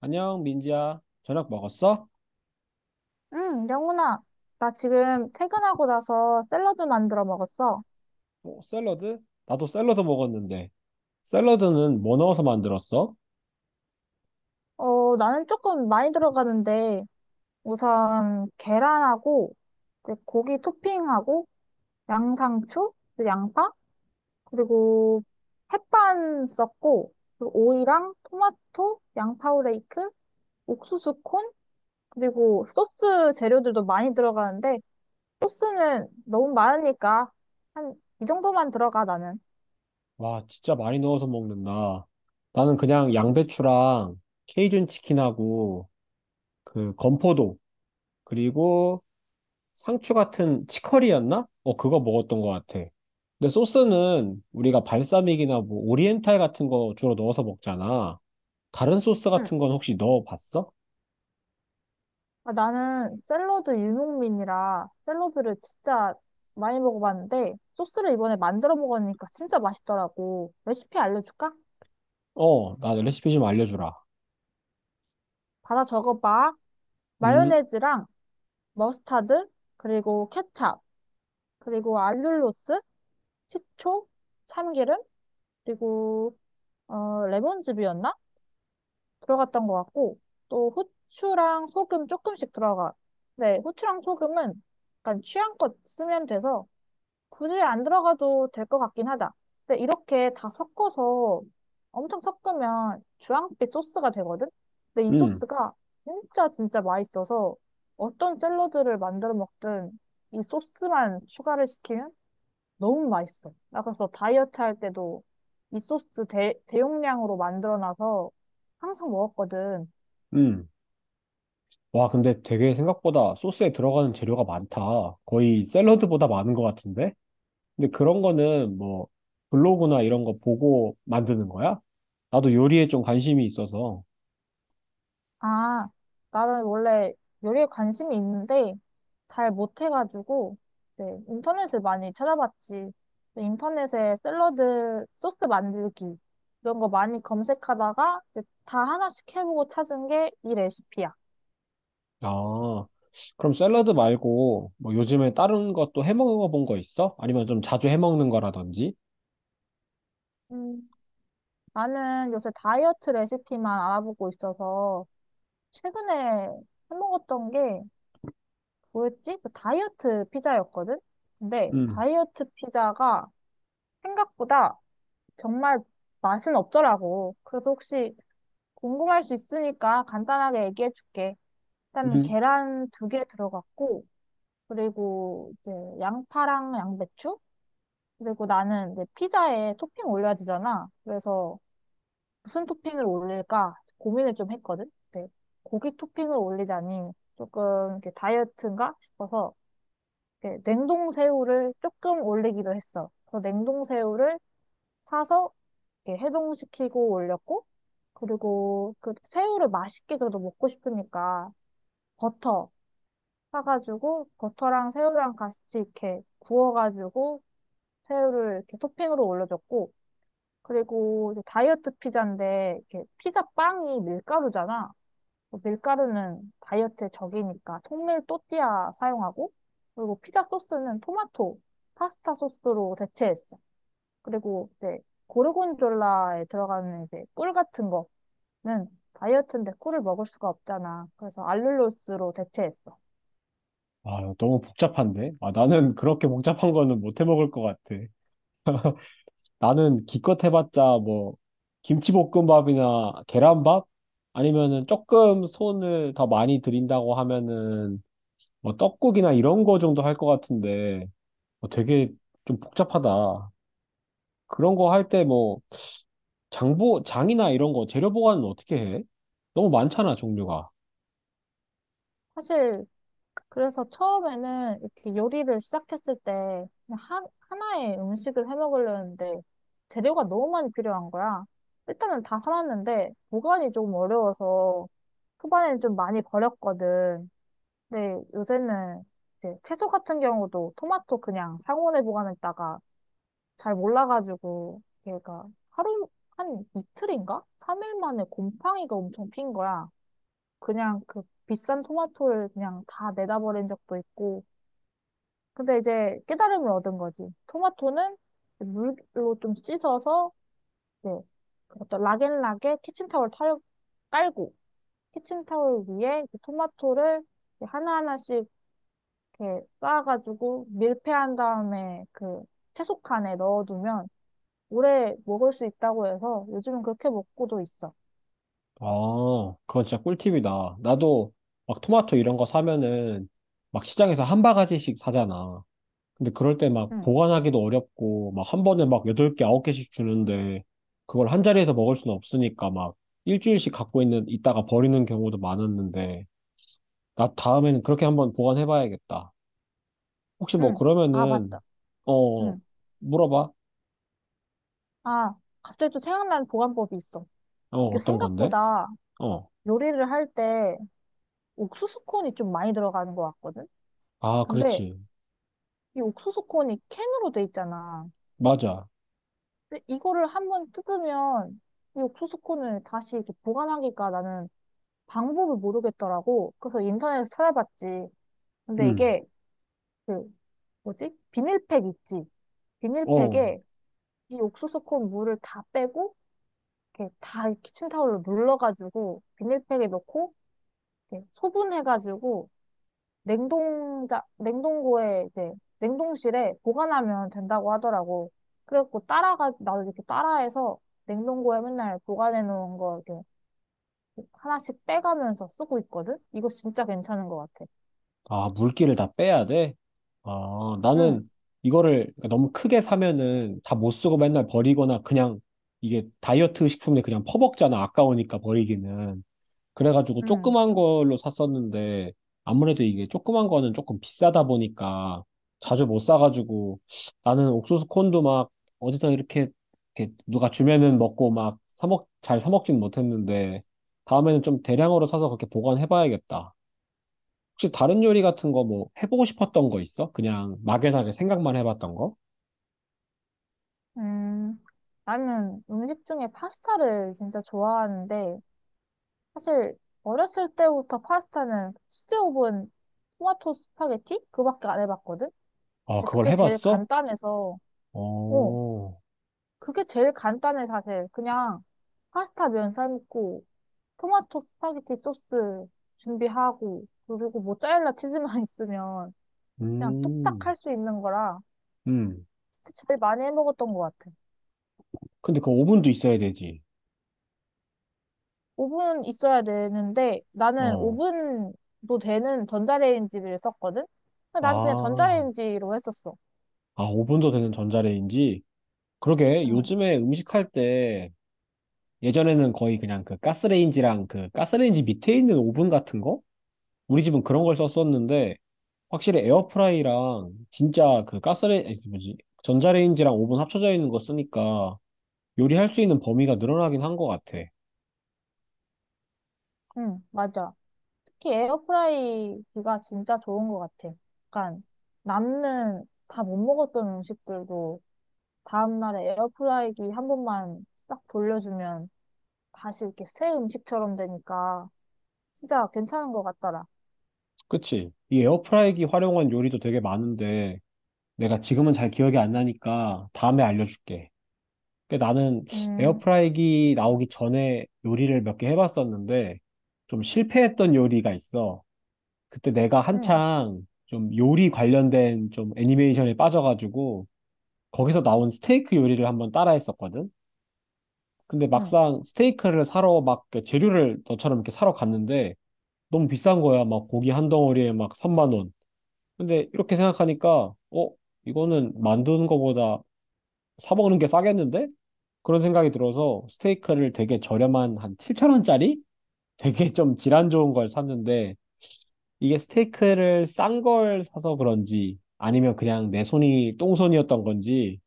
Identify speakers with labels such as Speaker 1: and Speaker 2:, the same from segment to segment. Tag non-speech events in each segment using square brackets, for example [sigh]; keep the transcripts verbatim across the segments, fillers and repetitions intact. Speaker 1: 안녕, 민지야. 저녁 먹었어?
Speaker 2: 응, 영훈아. 나 지금 퇴근하고 나서 샐러드 만들어 먹었어.
Speaker 1: 어, 샐러드? 나도 샐러드 먹었는데. 샐러드는 뭐 넣어서 만들었어?
Speaker 2: 어, 나는 조금 많이 들어가는데, 우선 계란하고, 이제 고기 토핑하고, 양상추, 그리고 양파, 그리고 햇반 썼고, 그리고 오이랑 토마토, 양파오레이크, 옥수수 콘, 그리고 소스 재료들도 많이 들어가는데, 소스는 너무 많으니까, 한, 이 정도만 들어가, 나는.
Speaker 1: 와, 진짜 많이 넣어서 먹는다. 나는 그냥 양배추랑 케이준 치킨하고 그 건포도 그리고 상추 같은 치커리였나? 어, 그거 먹었던 것 같아. 근데 소스는 우리가 발사믹이나 뭐 오리엔탈 같은 거 주로 넣어서 먹잖아. 다른 소스
Speaker 2: 응.
Speaker 1: 같은 건 혹시 넣어봤어?
Speaker 2: 아, 나는 샐러드 유목민이라 샐러드를 진짜 많이 먹어봤는데 소스를 이번에 만들어 먹으니까 진짜 맛있더라고. 레시피 알려줄까?
Speaker 1: 어, 나 레시피 좀 알려주라.
Speaker 2: 받아 적어봐.
Speaker 1: 음,
Speaker 2: 마요네즈랑 머스타드, 그리고 케찹, 그리고 알룰로스, 식초, 참기름, 그리고 어, 레몬즙이었나? 들어갔던 것 같고 또 후추랑 소금 조금씩 들어가. 네, 후추랑 소금은 약간 취향껏 쓰면 돼서 굳이 안 들어가도 될 것 같긴 하다. 근데 이렇게 다 섞어서 엄청 섞으면 주황빛 소스가 되거든? 근데 이
Speaker 1: 음,
Speaker 2: 소스가 진짜 진짜 맛있어서 어떤 샐러드를 만들어 먹든 이 소스만 추가를 시키면 너무 맛있어. 나 그래서 다이어트 할 때도 이 소스 대, 대용량으로 만들어 놔서 항상 먹었거든.
Speaker 1: 음. 와, 근데 되게 생각보다 소스에 들어가는 재료가 많다. 거의 샐러드보다 많은 것 같은데? 근데 그런 거는 뭐 블로그나 이런 거 보고 만드는 거야? 나도 요리에 좀 관심이 있어서.
Speaker 2: 아, 나는 원래 요리에 관심이 있는데 잘 못해가지고 네, 인터넷을 많이 찾아봤지. 인터넷에 샐러드 소스 만들기 이런 거 많이 검색하다가 이제 다 하나씩 해보고 찾은 게 이 레시피야.
Speaker 1: 아, 그럼 샐러드 말고 뭐 요즘에 다른 것도 해 먹어본 거 있어? 아니면 좀 자주 해 먹는 거라든지?
Speaker 2: 음, 나는 요새 다이어트 레시피만 알아보고 있어서 최근에 해먹었던 게 뭐였지? 그 다이어트 피자였거든? 근데
Speaker 1: 음,
Speaker 2: 다이어트 피자가 생각보다 정말 맛은 없더라고. 그래서 혹시 궁금할 수 있으니까 간단하게 얘기해 줄게. 일단
Speaker 1: 음,
Speaker 2: 계란 두 개 들어갔고, 그리고 이제 양파랑 양배추? 그리고 나는 이제 피자에 토핑 올려야 되잖아. 그래서 무슨 토핑을 올릴까 고민을 좀 했거든. 근데 고기 토핑을 올리자니 조금 이렇게 다이어트인가 싶어서 이렇게 냉동 새우를 조금 올리기로 했어. 그래서 냉동 새우를 사서 이렇게 해동시키고 올렸고, 그리고 그 새우를 맛있게 그래도 먹고 싶으니까 버터 사가지고 버터랑 새우랑 같이 이렇게 구워가지고 새우를 이렇게 토핑으로 올려줬고, 그리고 이제 다이어트 피자인데 이렇게 피자 빵이 밀가루잖아. 그 밀가루는 다이어트의 적이니까 통밀 또띠아 사용하고, 그리고 피자 소스는 토마토 파스타 소스로 대체했어. 그리고 이제 고르곤졸라에 들어가는 이제 꿀 같은 거 는 다이어트인데 꿀을 먹을 수가 없잖아. 그래서 알룰로스로 대체했어.
Speaker 1: 아, 너무 복잡한데? 아, 나는 [laughs] 그렇게 복잡한 거는 못 해 먹을 것 같아. 나는 기껏 해봤자 뭐 김치볶음밥이나 계란밥? 아니면은 조금 손을 더 많이 들인다고 하면은 뭐 떡국이나 이런 거 정도 할 것 같은데 어, 되게 좀 복잡하다. 그런 거 할 때 뭐 장보, 장이나 이런 거 재료 보관은 어떻게 해? 너무 많잖아, 종류가.
Speaker 2: 사실 그래서 처음에는 이렇게 요리를 시작했을 때 그냥 한, 하나의 음식을 해 먹으려는데 재료가 너무 많이 필요한 거야. 일단은 다 사놨는데 보관이 조금 어려워서 초반에는 좀 많이 버렸거든. 근데 요새는 이제 채소 같은 경우도 토마토 그냥 상온에 보관했다가 잘 몰라가지고 얘가 하루 한 이틀인가? 삼 일 만에 곰팡이가 엄청 핀 거야. 그냥 그 비싼 토마토를 그냥 다 내다 버린 적도 있고. 근데 이제 깨달음을 얻은 거지. 토마토는 물로 좀 씻어서 이제 어떤 락앤락에 키친타올 털 깔고 키친타올 위에 이 토마토를 하나하나씩 이렇게 쌓아가지고 밀폐한 다음에 그 채소칸에 넣어두면 오래 먹을 수 있다고 해서 요즘은 그렇게 먹고도 있어.
Speaker 1: 아, 그건 진짜 꿀팁이다. 나도 막 토마토 이런 거 사면은 막 시장에서 한 바가지씩 사잖아. 근데 그럴 때 막
Speaker 2: 응,
Speaker 1: 보관하기도 어렵고 막 한 번에 막 여덟 개, 아홉 개씩 주는데 그걸 한 자리에서 먹을 수는 없으니까 막 일주일씩 갖고 있는, 있다가 버리는 경우도 많았는데 나 다음에는 그렇게 한번 보관해 봐야겠다. 혹시 뭐
Speaker 2: 응. 아,
Speaker 1: 그러면은,
Speaker 2: 맞다.
Speaker 1: 어,
Speaker 2: 응.
Speaker 1: 물어봐.
Speaker 2: 아, 갑자기 또 생각나는 보관법이 있어.
Speaker 1: 어,
Speaker 2: 이게
Speaker 1: 어떤 건데?
Speaker 2: 생각보다
Speaker 1: 어.
Speaker 2: 요리를 할 때 옥수수 콘이 좀 많이 들어가는 것 같거든?
Speaker 1: 아,
Speaker 2: 근데
Speaker 1: 그렇지.
Speaker 2: 이 옥수수 콘이 캔으로 돼 있잖아.
Speaker 1: 맞아.
Speaker 2: 근데 이거를 한번 뜯으면 이 옥수수 콘을 다시 이렇게 보관하기가 나는 방법을 모르겠더라고. 그래서 인터넷에서 찾아봤지. 근데
Speaker 1: 음.
Speaker 2: 이게 그 뭐지? 비닐팩 있지?
Speaker 1: 어.
Speaker 2: 비닐팩에 이 옥수수콘 물을 다 빼고 이렇게 다 키친타올로 눌러가지고 비닐팩에 넣고 이렇게 소분해가지고 냉동자 냉동고에 이제 냉동실에 보관하면 된다고 하더라고. 그래갖고 따라가 나도 이렇게 따라해서 냉동고에 맨날 보관해 놓은 거 이렇게 하나씩 빼가면서 쓰고 있거든. 이거 진짜 괜찮은 것 같아.
Speaker 1: 아, 물기를 다 빼야 돼? 아,
Speaker 2: 응,
Speaker 1: 나는 이거를 그러니까 너무 크게 사면은 다 못 쓰고 맨날 버리거나 그냥 이게 다이어트 식품에 그냥 퍼먹잖아. 아까우니까 버리기는. 그래가지고
Speaker 2: 응,
Speaker 1: 조그만 걸로 샀었는데 아무래도 이게 조그만 거는 조금 비싸다 보니까 자주 못 사가지고 나는 옥수수 콘도 막 어디서 이렇게, 이렇게 누가 주면은 먹고 막 사먹, 잘 사먹진 못했는데 다음에는 좀 대량으로 사서 그렇게 보관해봐야겠다. 혹시 다른 요리 같은 거 뭐 해보고 싶었던 거 있어? 그냥 막연하게 생각만 해봤던 거?
Speaker 2: 음. 나는 음식 중에 파스타를 진짜 좋아하는데 사실 어렸을 때부터 파스타는 치즈 오븐 토마토 스파게티 그밖에 안 해봤거든.
Speaker 1: 아,
Speaker 2: 근데
Speaker 1: 그걸
Speaker 2: 그게 제일
Speaker 1: 해봤어?
Speaker 2: 간단해서 어
Speaker 1: 어,
Speaker 2: 그게 제일 간단해 사실. 그냥 파스타 면 삶고 토마토 스파게티 소스 준비하고 그리고 모짜렐라 치즈만 [laughs] 있으면 그냥 뚝딱
Speaker 1: 음,
Speaker 2: 할 수 있는 거라
Speaker 1: 음.
Speaker 2: 진짜 제일 많이 해먹었던 것 같아.
Speaker 1: 근데 그 오븐도 있어야 되지.
Speaker 2: 오븐 있어야 되는데 나는
Speaker 1: 어,
Speaker 2: 오븐도 되는 전자레인지를 썼거든. 근데 난 그냥
Speaker 1: 아,
Speaker 2: 전자레인지로 했었어.
Speaker 1: 아, 오븐도 되는 전자레인지? 그러게,
Speaker 2: 응.
Speaker 1: 요즘에 음식할 때 예전에는 거의 그냥 그 가스레인지랑 그 가스레인지 밑에 있는 오븐 같은 거? 우리 집은 그런 걸 썼었는데, 확실히 에어프라이랑 진짜 그 가스레인지, 뭐지? 전자레인지랑 오븐 합쳐져 있는 거 쓰니까 요리할 수 있는 범위가 늘어나긴 한 것 같아.
Speaker 2: 응, 맞아. 특히 에어프라이기가 진짜 좋은 것 같아. 약간 남는 다 못 먹었던 음식들도 다음날에 에어프라이기 한 번만 싹 돌려주면 다시 이렇게 새 음식처럼 되니까 진짜 괜찮은 것 같더라.
Speaker 1: 그치? 이 에어프라이기 활용한 요리도 되게 많은데, 내가 지금은 잘 기억이 안 나니까 다음에 알려줄게. 근데 나는
Speaker 2: 음,
Speaker 1: 에어프라이기 나오기 전에 요리를 몇 개 해봤었는데, 좀 실패했던 요리가 있어. 그때 내가
Speaker 2: 응,
Speaker 1: 한창 좀 요리 관련된 좀 애니메이션에 빠져가지고, 거기서 나온 스테이크 요리를 한번 따라 했었거든? 근데
Speaker 2: 응,
Speaker 1: 막상 스테이크를 사러 막그 재료를 너처럼 이렇게 사러 갔는데, 너무 비싼 거야. 막 고기 한 덩어리에 막 삼만 원. 근데 이렇게 생각하니까, 어, 이거는 만드는 거보다 사 먹는 게 싸겠는데? 그런 생각이 들어서 스테이크를 되게 저렴한 한 칠천 원짜리? [laughs] 되게 좀 질환 좋은 걸 샀는데, 이게 스테이크를 싼 걸 사서 그런지, 아니면 그냥 내 손이 똥손이었던 건지,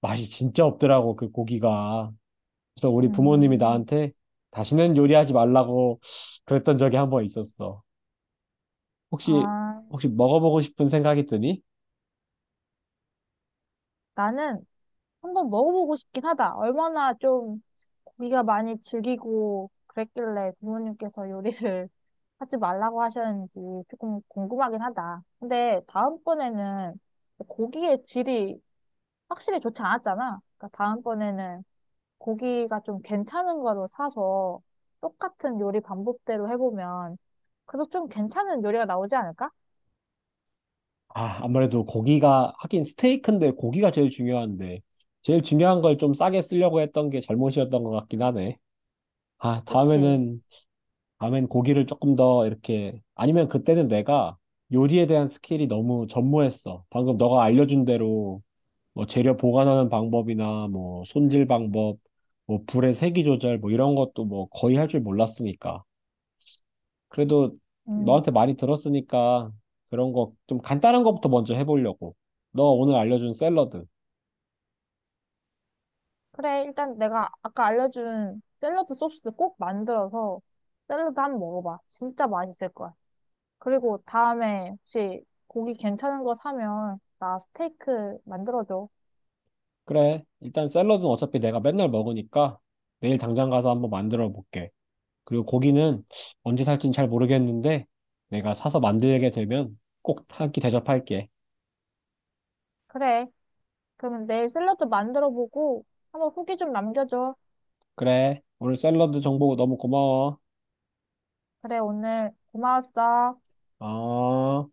Speaker 1: 맛이 진짜 없더라고, 그 고기가. 그래서 우리 부모님이
Speaker 2: 음.
Speaker 1: 나한테 다시는 요리하지 말라고 그랬던 적이 한 번 있었어. 혹시,
Speaker 2: 아,
Speaker 1: 혹시 먹어보고 싶은 생각이 드니?
Speaker 2: 나는 한번 먹어보고 싶긴 하다. 얼마나 좀 고기가 많이 질기고 그랬길래 부모님께서 요리를 [laughs] 하지 말라고 하셨는지 조금 궁금하긴 하다. 근데 다음번에는 고기의 질이 확실히 좋지 않았잖아. 그러니까 다음번에는 고기가 좀 괜찮은 거로 사서 똑같은 요리 방법대로 해보면 그래도 좀 괜찮은 요리가 나오지 않을까?
Speaker 1: 아, 아무래도 고기가, 하긴 스테이크인데 고기가 제일 중요한데, 제일 중요한 걸 좀 싸게 쓰려고 했던 게 잘못이었던 것 같긴 하네. 아,
Speaker 2: 그치?
Speaker 1: 다음에는, 다음엔 고기를 조금 더 이렇게, 아니면 그때는 내가 요리에 대한 스킬이 너무 전무했어. 방금 너가 알려준 대로, 뭐 재료 보관하는 방법이나, 뭐 손질 방법, 뭐 불의 세기 조절, 뭐 이런 것도 뭐 거의 할 줄 몰랐으니까. 그래도
Speaker 2: 음.
Speaker 1: 너한테 많이 들었으니까 그런 거 좀 간단한 거부터 먼저 해보려고. 너 오늘 알려준 샐러드.
Speaker 2: 그래, 일단 내가 아까 알려준 샐러드 소스 꼭 만들어서 샐러드 한 번 먹어봐. 진짜 맛있을 거야. 그리고 다음에 혹시 고기 괜찮은 거 사면 나 스테이크 만들어줘.
Speaker 1: 그래. 일단 샐러드는 어차피 내가 맨날 먹으니까 내일 당장 가서 한번 만들어 볼게. 그리고 고기는 언제 살진 잘 모르겠는데 내가 사서 만들게 되면 꼭 한 끼 대접할게.
Speaker 2: 그래. 그러면 내일 샐러드 만들어보고 한번 후기 좀 남겨줘.
Speaker 1: 그래. 오늘 샐러드 정보 너무 고마워.
Speaker 2: 그래, 오늘 고마웠어.
Speaker 1: 어.